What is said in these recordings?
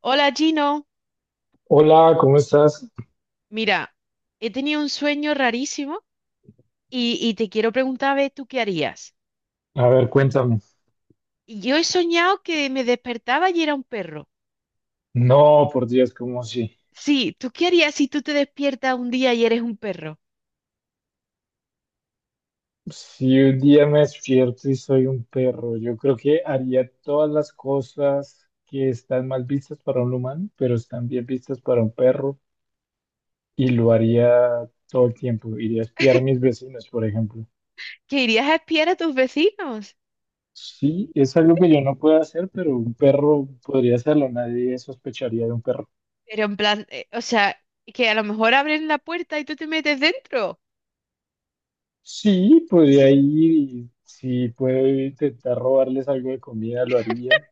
Hola Gino, Hola, ¿cómo estás? mira, he tenido un sueño rarísimo y te quiero preguntar a ver tú qué harías. A ver, cuéntame. Yo he soñado que me despertaba y era un perro. No, por Dios, como si, Sí, ¿tú qué harías si tú te despiertas un día y eres un perro? si un día me despierto y soy un perro, yo creo que haría todas las cosas que están mal vistas para un humano, pero están bien vistas para un perro y lo haría todo el tiempo. Iría a espiar a mis vecinos, por ejemplo. ¿Que irías a espiar a tus vecinos? Sí, es algo que yo no puedo hacer, pero un perro podría hacerlo. Nadie sospecharía de un perro. Pero en plan, o sea, que a lo mejor abren la puerta y tú te metes dentro. Sí, podría Sí. ir y si puedo intentar robarles algo de comida, lo haría.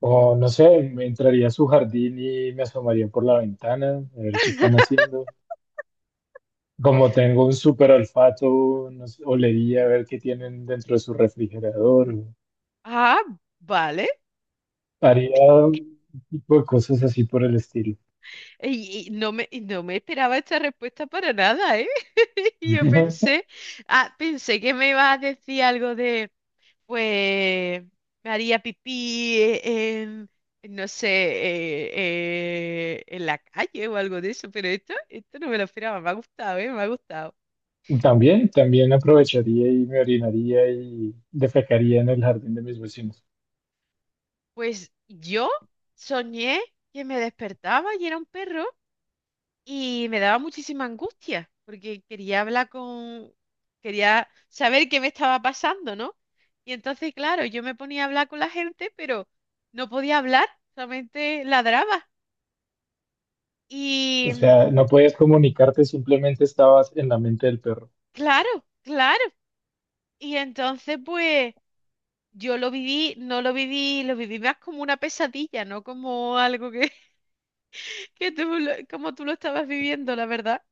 O no sé, me entraría a su jardín y me asomaría por la ventana a ver qué están haciendo. Como tengo un súper olfato, no sé, olería a ver qué tienen dentro de su refrigerador. Ah, vale. Haría un tipo de cosas así por el estilo. Y, y no me esperaba esta respuesta para nada, ¿eh? Yo pensé, ah, pensé que me ibas a decir algo de... Pues me haría pipí en, no sé, en la calle o algo de eso, pero esto no me lo esperaba, me ha gustado, ¿eh? Me ha gustado. También, también aprovecharía y me orinaría y defecaría en el jardín de mis vecinos. Pues yo soñé que me despertaba y era un perro y me daba muchísima angustia porque quería hablar con, quería saber qué me estaba pasando, ¿no? Y entonces, claro, yo me ponía a hablar con la gente, pero no podía hablar, solamente ladraba. O Y sea, no podías comunicarte, simplemente estabas en la mente del perro. claro, claro. Y entonces, pues, yo lo viví, no lo viví, lo viví más como una pesadilla, no como algo que, como tú lo estabas viviendo, la verdad.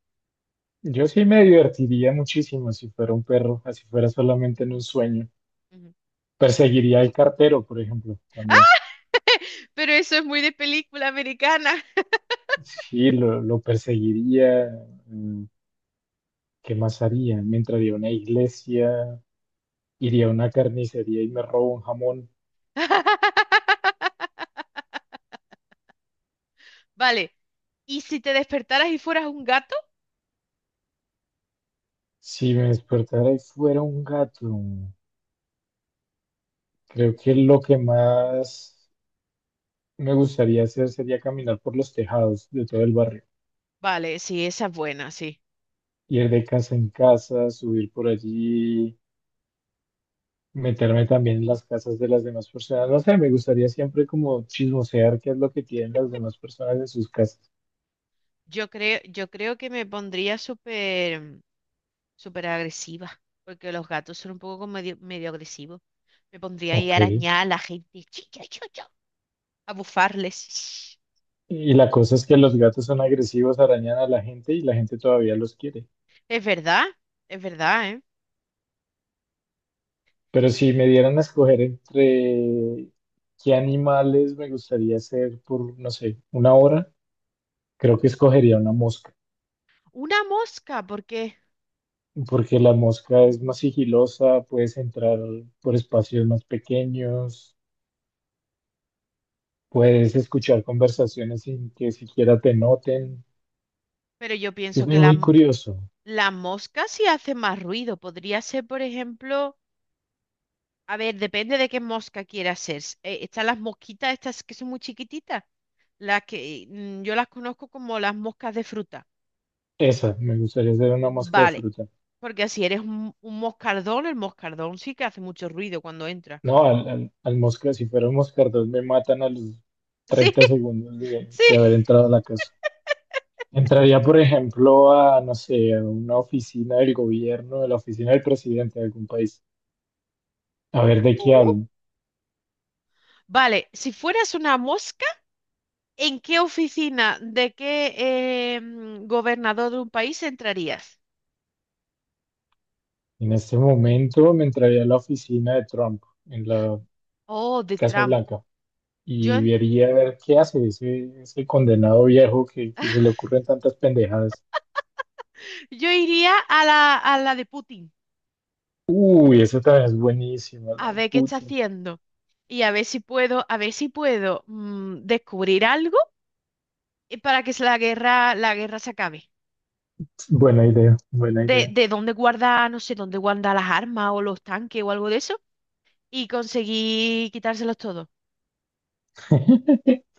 Yo sí me divertiría muchísimo si fuera un perro, así fuera solamente en un sueño. Ujú. Perseguiría al cartero, por ejemplo, también. Pero eso es muy de película americana. Sí, lo perseguiría. mm, ¿Qué más haría? Me entraría a una iglesia, iría a una carnicería y me robo un jamón. Vale. ¿Y si te despertaras y fueras un gato? Si me despertara y fuera un gato, creo que lo que más me gustaría hacer sería caminar por los tejados de todo el barrio. Vale, sí, esa es buena, sí. Ir de casa en casa, subir por allí, meterme también en las casas de las demás personas. No sé, me gustaría siempre como chismosear qué es lo que tienen las demás personas en sus casas. Yo creo que me pondría súper agresiva, porque los gatos son un poco como medio agresivos. Me pondría ahí Ok. a arañar a la gente. A bufarles. Y la cosa es que los gatos son agresivos, arañan a la gente y la gente todavía los quiere. Es verdad, es verdad, ¿eh? Pero si me dieran a escoger entre qué animales me gustaría ser por, no sé, una hora, creo que escogería una mosca, Una mosca, porque... porque la mosca es más sigilosa, puedes entrar por espacios más pequeños, puedes escuchar conversaciones sin que siquiera te noten. Pero yo Es pienso muy, que muy curioso. la mosca sí hace más ruido. Podría ser, por ejemplo... A ver, depende de qué mosca quieras ser. Están las mosquitas estas que son muy chiquititas. Las que yo las conozco como las moscas de fruta. Esa, me gustaría ser una mosca de Vale, fruta. porque si eres un moscardón, el moscardón sí que hace mucho ruido cuando entra. No, al Mosca, si fuera un Moscardón, me matan a los Sí, 30 segundos de, sí. de haber entrado a la casa. Entraría, por ejemplo, a, no sé, a una oficina del gobierno, de la oficina del presidente de algún país, a ver de qué Oh. hablan. Vale, si fueras una mosca... ¿En qué oficina de qué gobernador de un país entrarías? En este momento me entraría a la oficina de Trump, en la Oh, de Casa Trump. Blanca, Yo, y en- vería a ver qué hace ese, ese condenado viejo que se le ocurren tantas pendejadas. yo iría a a la de Putin, Uy, eso también es buenísimo, la a de ver qué está Putin. haciendo y a ver si puedo, a ver si puedo descubrir algo para que la guerra se acabe. Buena idea, buena idea. De dónde guarda, no sé, dónde guarda las armas o los tanques o algo de eso y conseguir quitárselos todos.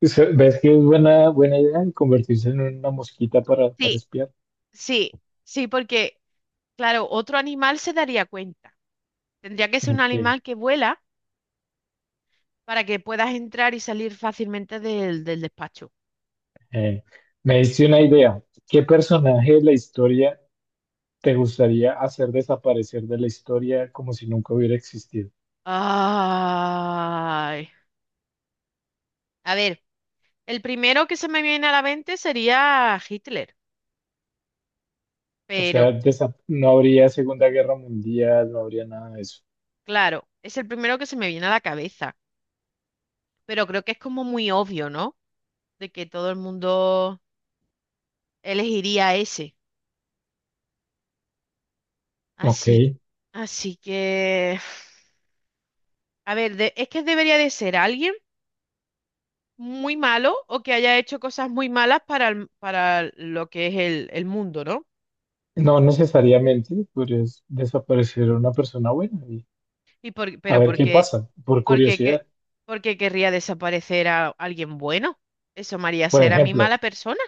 Se- ¿Ves que es buena, buena idea convertirse en una mosquita para Sí, espiar? sí, sí, porque, claro, otro animal se daría cuenta. Tendría que ser un Ok. animal que vuela para que puedas entrar y salir fácilmente del despacho. eh, Me diste una idea. ¿Qué personaje de la historia te gustaría hacer desaparecer de la historia como si nunca hubiera existido? Ay. A ver, el primero que se me viene a la mente sería Hitler, O pero sea, desa- no habría Segunda Guerra Mundial, no habría nada de eso. claro, es el primero que se me viene a la cabeza. Pero creo que es como muy obvio, ¿no? De que todo el mundo elegiría ese. Ok. Así, así que... A ver, de- es que debería de ser alguien muy malo o que haya hecho cosas muy malas para, el- para lo que es el mundo, ¿no? No necesariamente podrías desaparecer a una persona buena y Y por, a pero ver qué porque, pasa, por porque, que- curiosidad. Porque querría desaparecer a alguien bueno. Eso me haría Por ser a mí ejemplo, mala persona.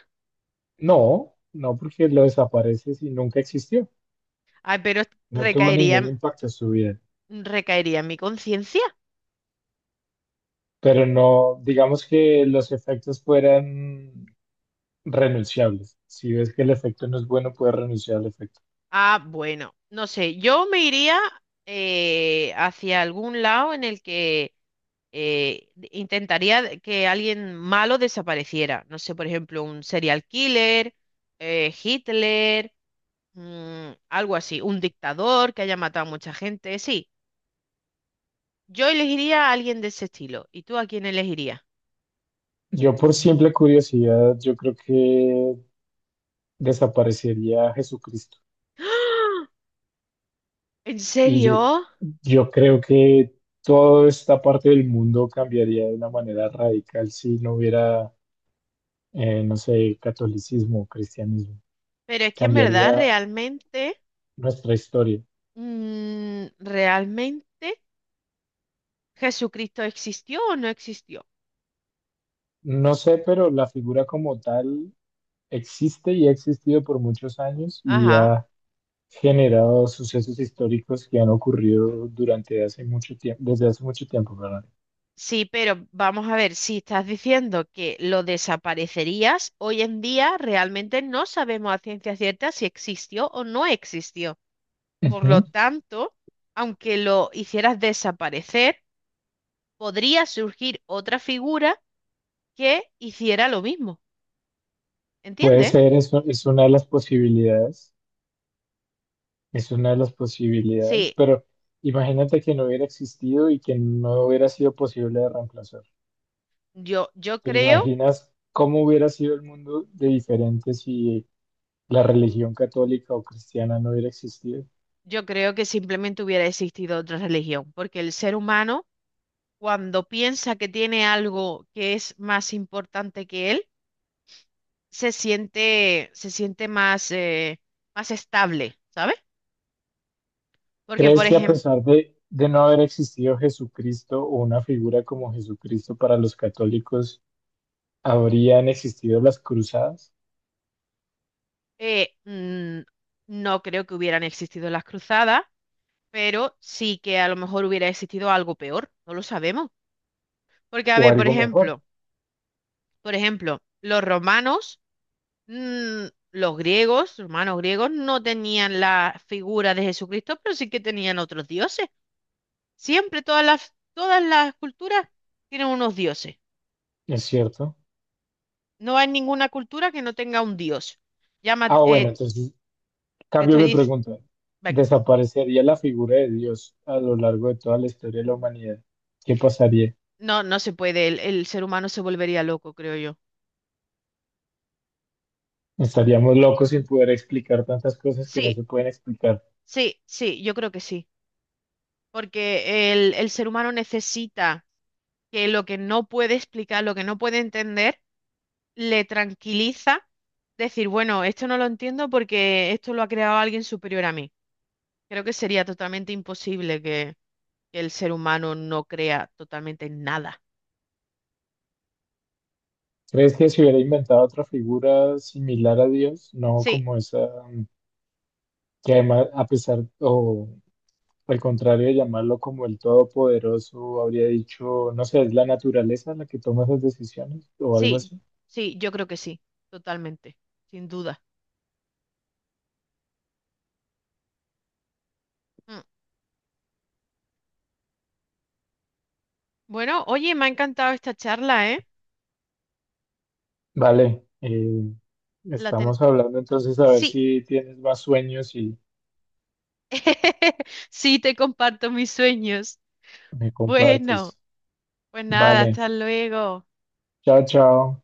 no, no porque lo desapareces y nunca existió. Ah, pero No tuvo recaería, ningún impacto en su vida, recaería en mi conciencia. pero no, digamos que los efectos fueran renunciables. Si ves que el efecto no es bueno, puedes renunciar al efecto. Ah, bueno, no sé, yo me iría hacia algún lado en el que intentaría que alguien malo desapareciera. No sé, por ejemplo, un serial killer, Hitler, algo así, un dictador que haya matado a mucha gente. Sí, yo elegiría a alguien de ese estilo. ¿Y tú a quién elegirías? Yo por simple curiosidad, yo creo que desaparecería Jesucristo. ¿En Y yo, serio? yo creo que toda esta parte del mundo cambiaría de una manera radical si no hubiera, no sé, catolicismo, cristianismo. Pero es que en verdad, Cambiaría realmente, nuestra historia. Realmente, ¿Jesucristo existió o no existió? No sé, pero la figura como tal existe y ha existido por muchos años y Ajá. ha generado sucesos históricos que han ocurrido durante hace mucho tiempo, desde hace mucho tiempo, perdón. Sí, pero vamos a ver, si estás diciendo que lo desaparecerías, hoy en día realmente no sabemos a ciencia cierta si existió o no existió. Por Ujú. lo tanto, aunque lo hicieras desaparecer, podría surgir otra figura que hiciera lo mismo. Puede ¿Entiendes? ser, es, u- es una de las posibilidades, es una de las posibilidades, Sí, pero imagínate que no hubiera existido y que no hubiera sido posible de reemplazar. yo, yo ¿Te creo, imaginas cómo hubiera sido el mundo de diferente si la religión católica o cristiana no hubiera existido? yo creo que simplemente hubiera existido otra religión, porque el ser humano, cuando piensa que tiene algo que es más importante que él, se siente más, más estable, ¿sabes? Porque, por ¿Crees que a ejemplo, pesar de no haber existido Jesucristo o una figura como Jesucristo para los católicos, habrían existido las cruzadas eh, mm, no creo que hubieran existido las cruzadas, pero sí que a lo mejor hubiera existido algo peor, no lo sabemos. Porque, a o ver, algo mejor? Por ejemplo, los romanos, mm, los griegos, romanos griegos, no tenían la figura de Jesucristo, pero sí que tenían otros dioses. Siempre todas las culturas tienen unos dioses. ¿Es cierto? No hay ninguna cultura que no tenga un dios. Llama, Ah, bueno, entonces te cambio estoy mi diciendo, pregunta. venga, ¿Desaparecería la figura de Dios a lo largo de toda la historia de la humanidad? ¿Qué pasaría? No se puede, el ser humano se volvería loco, creo yo. Estaríamos locos sin poder explicar tantas cosas que no Sí, se pueden explicar. sí, sí, yo creo que sí, porque el ser humano necesita que lo que no puede explicar, lo que no puede entender, le tranquiliza, decir, bueno, esto no lo entiendo porque esto lo ha creado alguien superior a mí. Creo que sería totalmente imposible que el ser humano no crea totalmente en nada. ¿Crees que se hubiera inventado otra figura similar a Dios? No Sí. como esa, mm, que además, a pesar, o al contrario de llamarlo como el todopoderoso, habría dicho, no sé, es la naturaleza la que toma esas decisiones o algo Sí, así. sí, yo creo que sí, totalmente, sin duda. Mm. Bueno, oye, me ha encantado esta charla, ¿eh? Vale, La ten... estamos hablando entonces a ver Sí, si tienes más sueños y sí, te comparto mis sueños. me compartes. Bueno, pues nada, Vale, hasta luego. chao, chao.